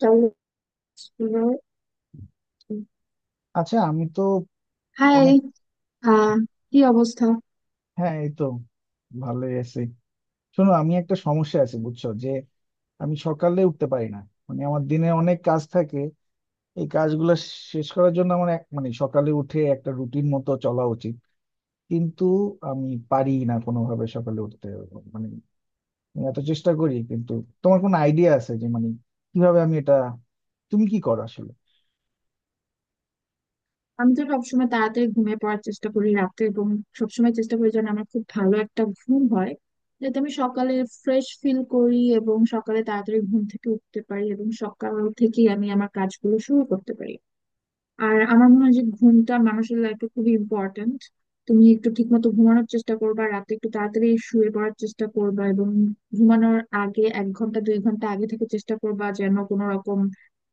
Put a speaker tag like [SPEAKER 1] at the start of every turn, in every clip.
[SPEAKER 1] কেমন আছো তুমি?
[SPEAKER 2] আচ্ছা আমি তো
[SPEAKER 1] হাই।
[SPEAKER 2] অনেক
[SPEAKER 1] আহ কি অবস্থা?
[SPEAKER 2] হ্যাঁ, এই তো ভালোই আছি। শোনো, আমি একটা সমস্যা আছে বুঝছো যে আমি সকালে উঠতে পারি না। মানে আমার দিনে অনেক কাজ থাকে, এই কাজগুলো শেষ করার জন্য আমার মানে সকালে উঠে একটা রুটিন মতো চলা উচিত, কিন্তু আমি পারি না কোনোভাবে সকালে উঠতে। মানে আমি এত চেষ্টা করি, কিন্তু তোমার কোনো আইডিয়া আছে যে মানে কিভাবে আমি এটা, তুমি কি করো আসলে?
[SPEAKER 1] আমি তো সবসময় তাড়াতাড়ি ঘুমিয়ে পড়ার চেষ্টা করি রাতে, এবং সবসময় চেষ্টা করি যেন আমার খুব ভালো একটা ঘুম হয়, যাতে আমি সকালে ফ্রেশ ফিল করি এবং সকালে তাড়াতাড়ি ঘুম থেকে উঠতে পারি এবং সকাল থেকেই আমি আমার কাজগুলো শুরু করতে পারি। আর আমার মনে হয় যে ঘুমটা মানুষের লাইফে খুবই ইম্পর্ট্যান্ট। তুমি একটু ঠিক মতো ঘুমানোর চেষ্টা করবা রাতে, একটু তাড়াতাড়ি শুয়ে পড়ার চেষ্টা করবা, এবং ঘুমানোর আগে এক ঘন্টা দুই ঘন্টা আগে থেকে চেষ্টা করবা যেন কোনো রকম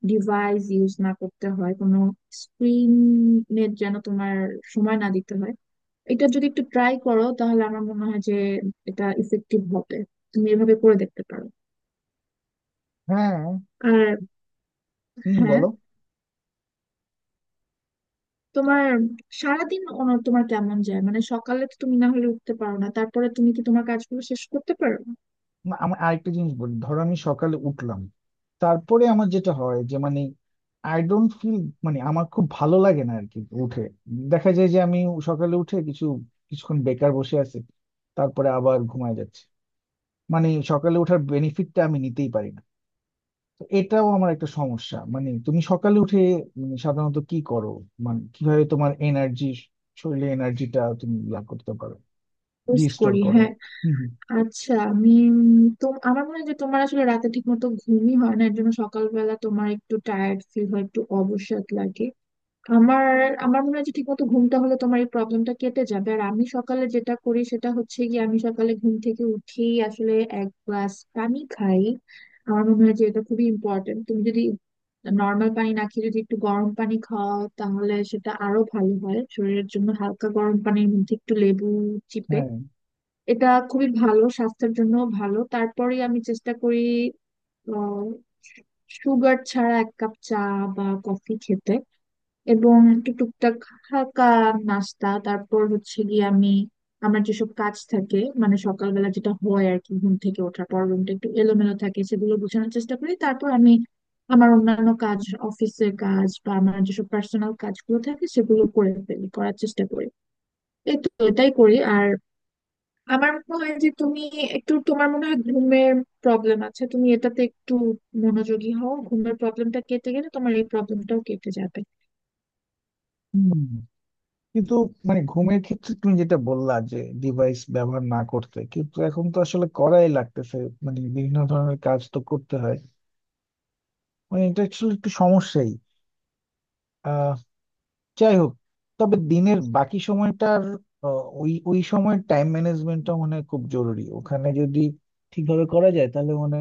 [SPEAKER 1] ডিভাইস ইউজ না করতে হয়, কোনো স্ক্রিনের যেন তোমার সময় না দিতে হয়। এটা যদি একটু ট্রাই করো তাহলে আমার মনে হয় যে এটা ইফেক্টিভ হবে। তুমি এভাবে করে দেখতে পারো।
[SPEAKER 2] হ্যাঁ।
[SPEAKER 1] আর
[SPEAKER 2] হুম,
[SPEAKER 1] হ্যাঁ,
[SPEAKER 2] বলো।
[SPEAKER 1] তোমার সারাদিন তোমার কেমন যায়, মানে সকালে তো তুমি না হলে উঠতে পারো না, তারপরে তুমি কি তোমার কাজগুলো শেষ করতে পারো?
[SPEAKER 2] না, আমি আরেকটা জিনিস বলি। ধরো আমি সকালে উঠলাম, তারপরে আমার যেটা হয় যে মানে আই ডোন্ট ফিল, মানে আমার খুব ভালো লাগে না আর কি উঠে। দেখা যায় যে আমি সকালে উঠে কিছুক্ষণ বেকার বসে আছি, তারপরে আবার ঘুমায় যাচ্ছে। মানে সকালে ওঠার বেনিফিটটা আমি নিতেই পারি না। তো এটাও আমার একটা সমস্যা। মানে তুমি সকালে উঠে মানে সাধারণত কি করো, মানে কিভাবে তোমার এনার্জি, শরীরে এনার্জিটা তুমি লাভ করতে পারো,
[SPEAKER 1] পোস্ট
[SPEAKER 2] রিস্টোর
[SPEAKER 1] করি,
[SPEAKER 2] করো?
[SPEAKER 1] হ্যাঁ।
[SPEAKER 2] হুম, হুম।
[SPEAKER 1] আচ্ছা আমি, উম, তো আমার মনে হয় যে তোমার আসলে রাতে ঠিক মতো ঘুমই হয় না, এর জন্য সকালবেলা তোমার একটু টায়ার্ড ফিল হয়, একটু অবসাদ লাগে। আমার আমার মনে হয় যে ঠিকমতো ঘুমটা হলে তোমার এই প্রবলেমটা কেটে যাবে। আর আমি সকালে যেটা করি সেটা হচ্ছে কি, আমি সকালে ঘুম থেকে উঠেই আসলে এক গ্লাস পানি খাই। আমার মনে হয় যে এটা খুবই ইম্পর্টেন্ট। তুমি যদি নর্মাল পানি না খেয়ে যদি একটু গরম পানি খাও তাহলে সেটা আরো ভালো হয় শরীরের জন্য। হালকা গরম পানির মধ্যে একটু লেবু চিপে এটা খুবই ভালো স্বাস্থ্যের জন্য ভালো। তারপরে আমি চেষ্টা করি আহ, সুগার ছাড়া এক কাপ চা বা কফি খেতে, এবং একটু টুকটাক হালকা নাস্তা। তারপর হচ্ছে গিয়ে আমি আমার যেসব কাজ থাকে, মানে সকালবেলা যেটা হয় আর কি, ঘুম থেকে ওঠার পর রুমটা একটু এলোমেলো থাকে সেগুলো গোছানোর চেষ্টা করি, তারপর আমি আমার অন্যান্য কাজ, অফিসের কাজ বা আমার যেসব পার্সোনাল কাজগুলো থাকে সেগুলো করে ফেলি, করার চেষ্টা করি। এই তো, এটাই করি। আর আমার মনে হয় যে তুমি একটু, তোমার মনে হয় ঘুমের প্রবলেম আছে, তুমি এটাতে একটু মনোযোগী হও, ঘুমের প্রবলেমটা কেটে গেলে তোমার এই প্রবলেমটাও কেটে যাবে।
[SPEAKER 2] হ্যাঁ, কিন্তু মানে ঘুমের ক্ষেত্রে তুমি যেটা বললা যে ডিভাইস ব্যবহার না করতে, কিন্তু এখন তো আসলে করাই লাগতেছে। মানে বিভিন্ন ধরনের কাজ তো করতে হয়, মানে এটা আসলে একটু সমস্যাই। আহ যাই হোক, তবে দিনের বাকি সময়টার আহ, ওই ওই সময়ের টাইম ম্যানেজমেন্টটা মনে হয় খুব জরুরি। ওখানে যদি ঠিকভাবে করা যায় তাহলে মানে,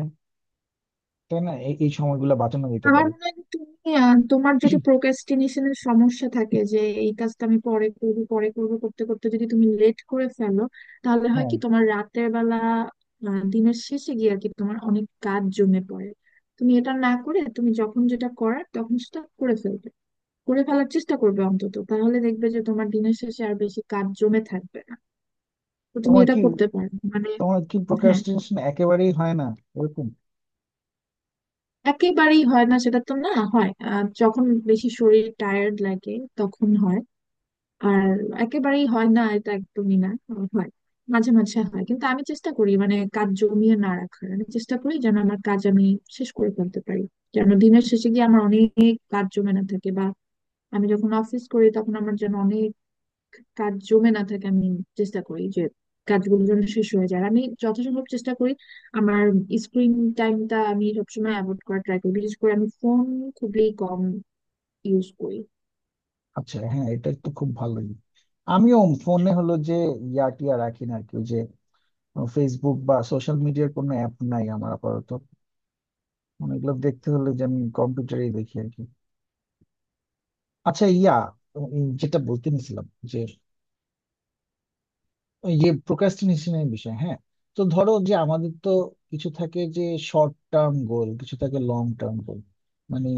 [SPEAKER 2] তাই না, এই এই সময়গুলো বাঁচানো যেতে
[SPEAKER 1] আমার
[SPEAKER 2] পারে।
[SPEAKER 1] মনে হয় যে তুমি, তোমার যদি প্রোক্রাস্টিনেশনের সমস্যা থাকে, যে এই কাজটা আমি পরে করবো পরে করবো করতে করতে যদি তুমি লেট করে ফেলো, তাহলে হয়
[SPEAKER 2] হ্যাঁ।
[SPEAKER 1] কি তোমার রাতের বেলা, দিনের শেষে গিয়ে আর কি তোমার অনেক কাজ জমে পড়ে। তুমি এটা না করে, তুমি যখন যেটা করার তখন সেটা করে ফেলবে, করে ফেলার চেষ্টা করবে অন্তত, তাহলে দেখবে যে তোমার দিনের শেষে আর বেশি কাজ জমে থাকবে না। তো তুমি
[SPEAKER 2] তোমার
[SPEAKER 1] এটা
[SPEAKER 2] কি
[SPEAKER 1] করতে পারো, মানে।
[SPEAKER 2] তোমার কি
[SPEAKER 1] হ্যাঁ,
[SPEAKER 2] প্রোক্রাস্টিনেশন একেবারেই হয় না ওরকম?
[SPEAKER 1] একেবারেই হয় না সেটা তো না, হয় যখন বেশি শরীর টায়ার্ড লাগে তখন হয়। আর, একেবারেই হয় না এটা একদমই না, হয় মাঝে মাঝে হয়, কিন্তু আমি চেষ্টা করি মানে কাজ জমিয়ে না রাখার, আমি চেষ্টা করি যেন আমার কাজ আমি শেষ করে ফেলতে পারি, যেন দিনের শেষে গিয়ে আমার অনেক কাজ জমে না থাকে, বা আমি যখন অফিস করি তখন আমার যেন অনেক কাজ জমে না থাকে। আমি চেষ্টা করি যে কাজগুলো যেন শেষ হয়ে যায়। আর আমি যথাসম্ভব চেষ্টা করি আমার স্ক্রিন টাইমটা আমি সবসময় অ্যাভয়েড করার ট্রাই করি, বিশেষ করে আমি ফোন খুবই কম ইউজ করি।
[SPEAKER 2] আচ্ছা, হ্যাঁ, এটা তো খুব ভালোই। আমিও ফোনে হলো যে ইয়া টিয়া রাখি না আর কি। ওই যে ফেসবুক বা সোশ্যাল মিডিয়ার কোনো অ্যাপ নাই আমার আপাতত। মানে এগুলো দেখতে হলে যে আমি কম্পিউটারেই দেখি আর কি। আচ্ছা, ইয়া, যেটা বলতে নিছিলাম যে ওই যে প্রোক্রাস্টিনেশনের বিষয়, হ্যাঁ। তো ধরো যে আমাদের তো কিছু থাকে যে শর্ট টার্ম গোল, কিছু থাকে লং টার্ম গোল। মানে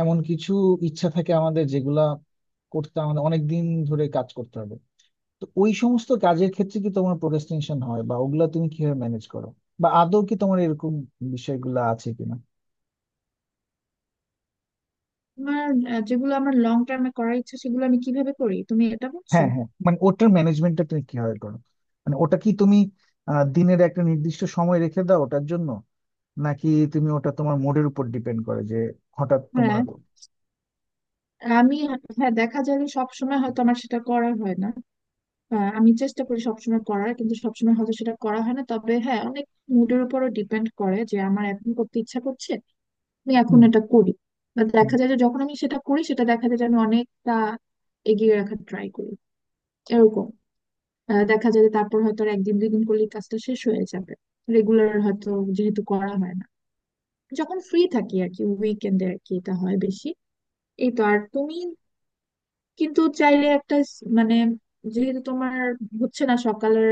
[SPEAKER 2] এমন কিছু ইচ্ছা থাকে আমাদের যেগুলা করতে আমাদের অনেক দিন ধরে কাজ করতে হবে। তো ওই সমস্ত কাজের ক্ষেত্রে কি তোমার প্রোক্রাস্টিনেশন হয়, বা ওগুলা তুমি কিভাবে ম্যানেজ করো, বা আদৌ কি তোমার এরকম বিষয়গুলো আছে কিনা?
[SPEAKER 1] আমার যেগুলো আমার লং টার্মে করার ইচ্ছা সেগুলো আমি কিভাবে করি, তুমি এটা বলছো?
[SPEAKER 2] হ্যাঁ, হ্যাঁ, মানে ওটার ম্যানেজমেন্টটা তুমি কিভাবে করো? মানে ওটা কি তুমি দিনের একটা নির্দিষ্ট সময় রেখে দাও ওটার জন্য, নাকি তুমি ওটা তোমার মুডের উপর ডিপেন্ড করে যে হঠাৎ তোমার।
[SPEAKER 1] হ্যাঁ, আমি, হ্যাঁ দেখা যায় যে সবসময় হয়তো আমার সেটা করা হয় না। আমি চেষ্টা করি সবসময় করার, কিন্তু সবসময় হয়তো সেটা করা হয় না। তবে হ্যাঁ, অনেক মুডের উপরও ডিপেন্ড করে, যে আমার এখন করতে ইচ্ছা করছে আমি এখন
[SPEAKER 2] হুম,
[SPEAKER 1] এটা করি। বা
[SPEAKER 2] হুম,
[SPEAKER 1] দেখা যায় যে যখন আমি সেটা করি, সেটা দেখা যায় যে আমি অনেকটা এগিয়ে রাখার ট্রাই করি, এরকম। দেখা যায় যে তারপর হয়তো আর একদিন দুই দিন করলে কাজটা শেষ হয়ে যাবে। রেগুলার হয়তো যেহেতু করা হয় না, যখন ফ্রি থাকি আর কি, উইকেন্ডে আর কি এটা হয় বেশি। এই তো। আর তুমি কিন্তু চাইলে একটা মানে যেহেতু তোমার হচ্ছে না, সকালের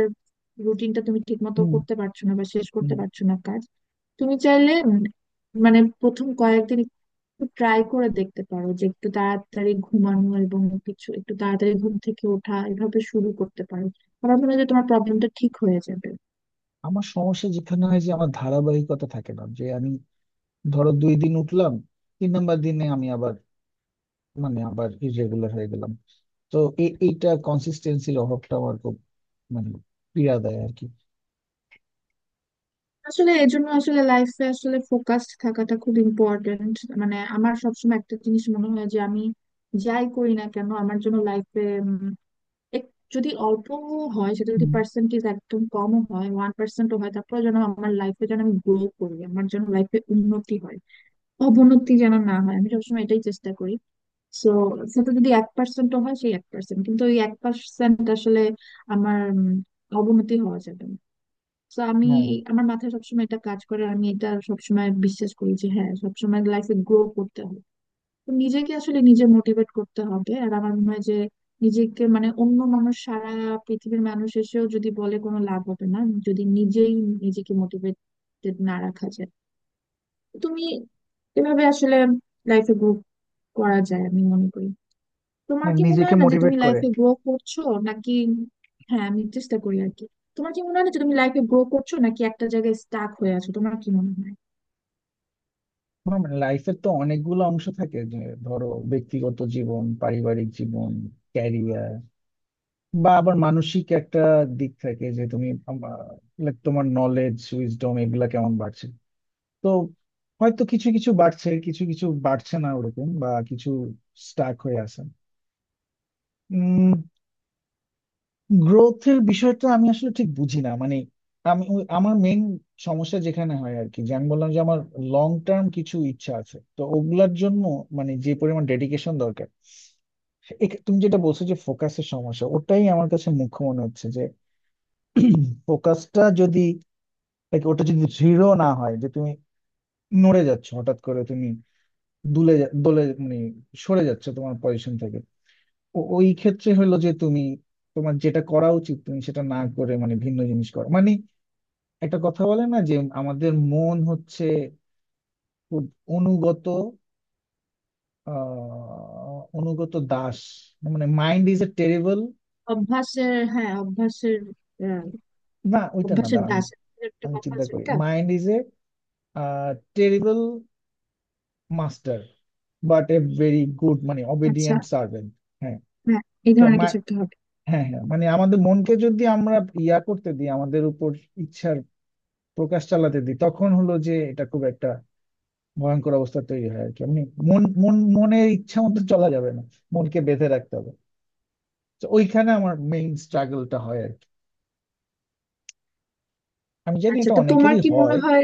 [SPEAKER 1] রুটিনটা তুমি ঠিক মতো
[SPEAKER 2] হুম,
[SPEAKER 1] করতে পারছো না বা শেষ
[SPEAKER 2] হুম।
[SPEAKER 1] করতে পারছো না কাজ, তুমি চাইলে মানে প্রথম কয়েকদিন একটু ট্রাই করে দেখতে পারো যে একটু তাড়াতাড়ি ঘুমানো এবং কিছু একটু তাড়াতাড়ি ঘুম থেকে ওঠা, এভাবে শুরু করতে পারো। আমার মনে হয় যে তোমার প্রবলেমটা ঠিক হয়ে যাবে।
[SPEAKER 2] আমার সমস্যা যেখানে হয় যে আমার ধারাবাহিকতা থাকে না। যে আমি ধরো 2 দিন উঠলাম, 3 নাম্বার দিনে আমি আবার, মানে আবার ইরেগুলার হয়ে গেলাম। তো এইটা কনসিস্টেন্সির অভাবটা আমার খুব মানে পীড়া দেয় আর কি।
[SPEAKER 1] আসলে এর জন্য আসলে লাইফে আসলে ফোকাসড থাকাটা খুব ইম্পর্টেন্ট। মানে আমার সবসময় একটা জিনিস মনে হয় যে আমি যাই করি না কেন, আমার জন্য লাইফে যদি অল্প হয় সেটা, যদি
[SPEAKER 2] হুম।
[SPEAKER 1] পার্সেন্টেজ একদম কমও হয়, ওয়ান পার্সেন্টও হয়, তারপরে যেন আমার লাইফে, যেন আমি গ্রো করি, আমার যেন লাইফে উন্নতি হয়, অবনতি যেন না হয়, আমি সবসময় এটাই চেষ্টা করি। সো, সেটা যদি এক পার্সেন্টও হয় সেই এক পার্সেন্ট, কিন্তু ওই এক পার্সেন্ট আসলে আমার অবনতি হওয়া যাবে না। তো আমি
[SPEAKER 2] হ্যাঁ,
[SPEAKER 1] আমার মাথায় সবসময় এটা কাজ করে, আর আমি এটা সবসময় বিশ্বাস করি যে হ্যাঁ, সবসময় লাইফে গ্রো করতে হবে। তো নিজেকে আসলে নিজে মোটিভেট করতে হবে। আর আমার মনে হয় যে নিজেকে, মানে অন্য মানুষ, সারা পৃথিবীর মানুষ এসেও যদি বলে কোনো লাভ হবে না, যদি নিজেই নিজেকে মোটিভেটেড না রাখা যায়। তো তুমি এভাবে আসলে লাইফে গ্রো করা যায় আমি মনে করি। তোমার
[SPEAKER 2] মানে
[SPEAKER 1] কি মনে
[SPEAKER 2] নিজেকে
[SPEAKER 1] হয় না যে তুমি
[SPEAKER 2] মোটিভেট করে।
[SPEAKER 1] লাইফে গ্রো করছো, নাকি? হ্যাঁ, আমি চেষ্টা করি আর কি। তোমার কি মনে হয় না যে তুমি লাইফে গ্রো করছো, নাকি একটা জায়গায় স্টাক হয়ে আছো, তোমার কি মনে হয়?
[SPEAKER 2] লাইফের তো অনেকগুলো অংশ থাকে যে ধরো ব্যক্তিগত জীবন, পারিবারিক জীবন, ক্যারিয়ার, বা আবার মানসিক একটা দিক থাকে যে তুমি like তোমার নলেজ, উইজডম, এগুলা কেমন বাড়ছে। তো হয়তো কিছু কিছু বাড়ছে, কিছু কিছু বাড়ছে না ওরকম, বা কিছু স্টাক হয়ে আছে। উম গ্রোথের বিষয়টা আমি আসলে ঠিক বুঝি না। মানে আমি আমার মেইন সমস্যা যেখানে হয় আর কি যে আমি বললাম যে আমার লং টার্ম কিছু ইচ্ছা আছে, তো ওগুলার জন্য মানে যে পরিমাণ ডেডিকেশন দরকার, তুমি যেটা বলছো যে ফোকাসের সমস্যা, ওটাই আমার কাছে মুখ্য মনে হচ্ছে। যে ফোকাসটা যদি like ওটা যদি দৃঢ় না হয়, যে তুমি নড়ে যাচ্ছ, হঠাৎ করে তুমি দোলে, মানে সরে যাচ্ছ তোমার পজিশন থেকে। ওই ক্ষেত্রে হলো যে তুমি তোমার যেটা করা উচিত তুমি সেটা না করে মানে ভিন্ন জিনিস করো। মানে একটা কথা বলে না যে আমাদের মন হচ্ছে খুব অনুগত, অনুগত দাস। মানে মাইন্ড ইজ এ টেরিবল,
[SPEAKER 1] অভ্যাসের, হ্যাঁ অভ্যাসের। আহ,
[SPEAKER 2] না ওইটা না,
[SPEAKER 1] অভ্যাসের
[SPEAKER 2] দাঁড়ান,
[SPEAKER 1] দাস, একটা
[SPEAKER 2] আমি
[SPEAKER 1] কথা
[SPEAKER 2] চিন্তা
[SPEAKER 1] আছে
[SPEAKER 2] করি
[SPEAKER 1] এটা।
[SPEAKER 2] Mind is a terrible master, but a very good মানে
[SPEAKER 1] আচ্ছা।
[SPEAKER 2] Obedient servant. হ্যাঁ।
[SPEAKER 1] হ্যাঁ, এই
[SPEAKER 2] তো
[SPEAKER 1] ধরনের কিছু একটা হবে।
[SPEAKER 2] হ্যাঁ, হ্যাঁ, মানে আমাদের মনকে যদি আমরা ইয়া করতে দিই আমাদের উপর ইচ্ছার প্রকাশ চালাতে দিই, তখন হলো যে এটা খুব একটা ভয়ঙ্কর অবস্থা তৈরি হয় আর কি, এমনি। মন মন মনের ইচ্ছা মতো চলা যাবে না, মনকে বেঁধে রাখতে হবে। তো ওইখানে আমার মেইন স্ট্রাগলটা হয় আর কি। আমি জানি
[SPEAKER 1] আচ্ছা,
[SPEAKER 2] এটা
[SPEAKER 1] তো তোমার
[SPEAKER 2] অনেকেরই
[SPEAKER 1] কি
[SPEAKER 2] হয়।
[SPEAKER 1] মনে হয়,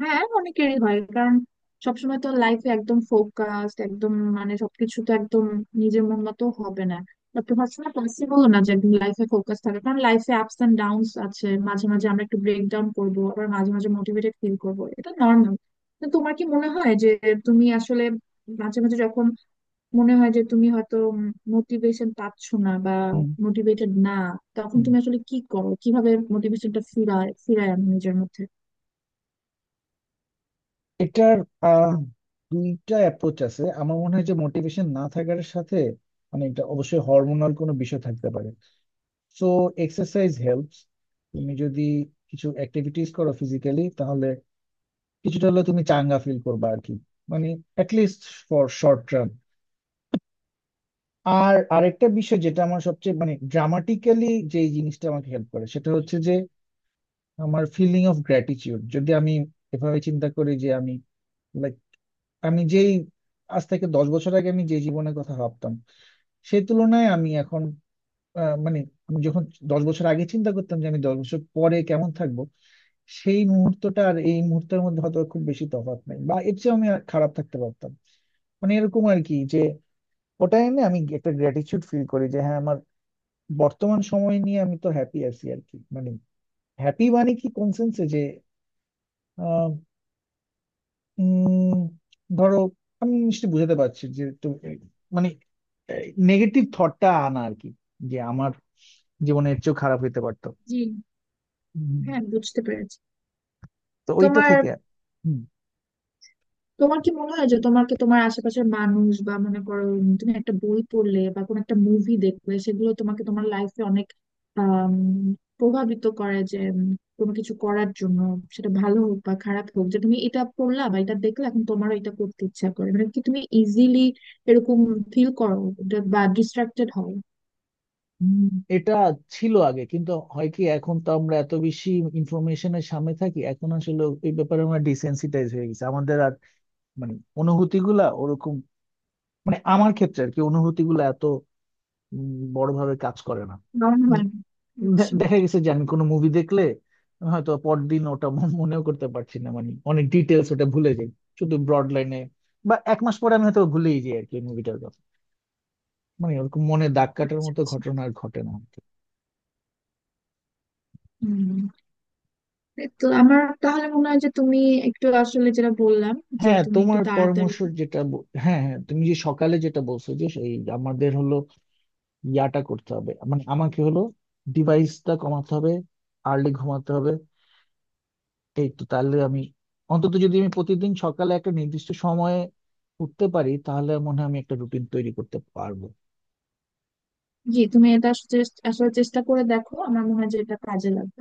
[SPEAKER 1] হ্যাঁ অনেকেরই হয় কারণ সবসময় তো লাইফে একদম ফোকাসড একদম, মানে সবকিছু তো একদম নিজের মন মতো হবে না, বা তোমার সময় পসিবল না যে একদম লাইফে ফোকাস থাকে, কারণ লাইফে আপস এন্ড ডাউনস আছে। মাঝে মাঝে আমরা একটু ব্রেক ডাউন করবো, আবার মাঝে মাঝে মোটিভেটেড ফিল করবো, এটা নর্মাল। তো তোমার কি মনে হয় যে তুমি আসলে মাঝে মাঝে যখন মনে হয় যে তুমি হয়তো মোটিভেশন পাচ্ছ না বা
[SPEAKER 2] হুম,
[SPEAKER 1] মোটিভেটেড না, তখন
[SPEAKER 2] হুম।
[SPEAKER 1] তুমি আসলে কি করো, কিভাবে মোটিভেশনটা ফিরায় ফিরায় আনো নিজের মধ্যে?
[SPEAKER 2] এটার আহ, দুইটা অ্যাপ্রোচ আছে আমার মনে হয় যে মোটিভেশন না থাকার সাথে। মানে এটা অবশ্যই হরমোনাল কোনো বিষয় থাকতে পারে, সো এক্সারসাইজ হেল্পস। তুমি যদি কিছু অ্যাক্টিভিটিস করো ফিজিক্যালি, তাহলে কিছুটা হলেও তুমি চাঙ্গা ফিল করবে আর কি। মানে অ্যাটলিস্ট ফর শর্ট টার্ম। আর আরেকটা বিষয় যেটা আমার সবচেয়ে মানে ড্রামাটিক্যালি, যে জিনিসটা আমাকে হেল্প করে সেটা হচ্ছে যে আমার ফিলিং অফ গ্র্যাটিটিউড। যদি আমি এভাবে চিন্তা করি যে আমি লাইক, আমি যেই, আজ থেকে 10 বছর আগে আমি যে জীবনের কথা ভাবতাম, সেই তুলনায় আমি এখন মানে আমি যখন 10 বছর আগে চিন্তা করতাম যে আমি 10 বছর পরে কেমন থাকবো, সেই মুহূর্তটা আর এই মুহূর্তের মধ্যে হয়তো খুব বেশি তফাৎ নেই, বা এর চেয়ে আমি আর খারাপ থাকতে পারতাম। মানে এরকম আর কি, যে ওটাই না, আমি একটা গ্র্যাটিটিউড ফিল করি যে হ্যাঁ, আমার বর্তমান সময় নিয়ে আমি তো হ্যাপি আছি আর কি। মানে হ্যাপি মানে কি, কোন সেন্সে যে আহ, উম, ধরো, আমি নিশ্চয়ই বুঝাতে পারছি, যে তো মানে নেগেটিভ থটটা আনা আর কি, যে আমার জীবনে এর চেয়েও খারাপ হইতে পারতো।
[SPEAKER 1] জি।
[SPEAKER 2] হুম।
[SPEAKER 1] হ্যাঁ, বুঝতে পেরেছি।
[SPEAKER 2] তো ওইটা
[SPEAKER 1] তোমার
[SPEAKER 2] থেকে। হুম,
[SPEAKER 1] তোমার কি মনে হয় যে তোমাকে তোমার আশেপাশের মানুষ, বা মনে করো তুমি একটা বই পড়লে বা কোনো একটা মুভি দেখলে, সেগুলো তোমাকে তোমার লাইফে অনেক আম, প্রভাবিত করে যে কোনো কিছু করার জন্য, সেটা ভালো হোক বা খারাপ হোক, যে তুমি এটা পড়লা বা এটা দেখলে এখন তোমারও এটা করতে ইচ্ছা করে, মানে কি তুমি ইজিলি এরকম ফিল করো বা ডিস্ট্রাক্টেড হও?
[SPEAKER 2] হুম। এটা ছিল আগে, কিন্তু হয় কি, এখন তো আমরা এত বেশি ইনফরমেশনের সামনে থাকি, এখন আসলে এই ব্যাপারে আমরা ডিসেন্সিটাইজ হয়ে গেছি। আমাদের আর মানে অনুভূতিগুলা ওরকম, মানে আমার ক্ষেত্রে আর কি অনুভূতিগুলো এত বড়ভাবে কাজ করে না।
[SPEAKER 1] মনে হয় না।
[SPEAKER 2] উম,
[SPEAKER 1] আচ্ছা,
[SPEAKER 2] দেখা গেছে যে আমি কোনো মুভি দেখলে হয়তো পরদিন ওটা মনেও করতে পারছি না, মানে অনেক ডিটেলস ওটা ভুলে যাই, শুধু ব্রড লাইনে। বা 1 মাস পরে আমি হয়তো ভুলেই যাই আর কি মুভিটার কথা। মানে ওরকম মনে দাগ কাটার
[SPEAKER 1] আচ্ছা।
[SPEAKER 2] মতো
[SPEAKER 1] আচ্ছা,
[SPEAKER 2] ঘটনা আর ঘটে না আর কি।
[SPEAKER 1] হম। তো আমার তাহলে মনে হয় যে তুমি একটু আসলে যেটা বললাম, যে
[SPEAKER 2] হ্যাঁ,
[SPEAKER 1] তুমি একটু
[SPEAKER 2] তোমার
[SPEAKER 1] তাড়াতাড়ি।
[SPEAKER 2] পরামর্শ যেটা হ্যাঁ, হ্যাঁ, তুমি যে সকালে যেটা বলছো যে এই আমাদের হলো ইয়াটা করতে হবে। মানে আমাকে হলো ডিভাইসটা কমাতে হবে, আর্লি ঘুমাতে হবে। এই তো, তাহলে আমি অন্তত যদি আমি প্রতিদিন সকালে একটা নির্দিষ্ট সময়ে উঠতে পারি, তাহলে মনে হয় আমি একটা রুটিন তৈরি করতে পারবো।
[SPEAKER 1] জি, তুমি এটা আসলে আসলে চেষ্টা করে দেখো, আমার মনে হয় যে এটা কাজে লাগবে।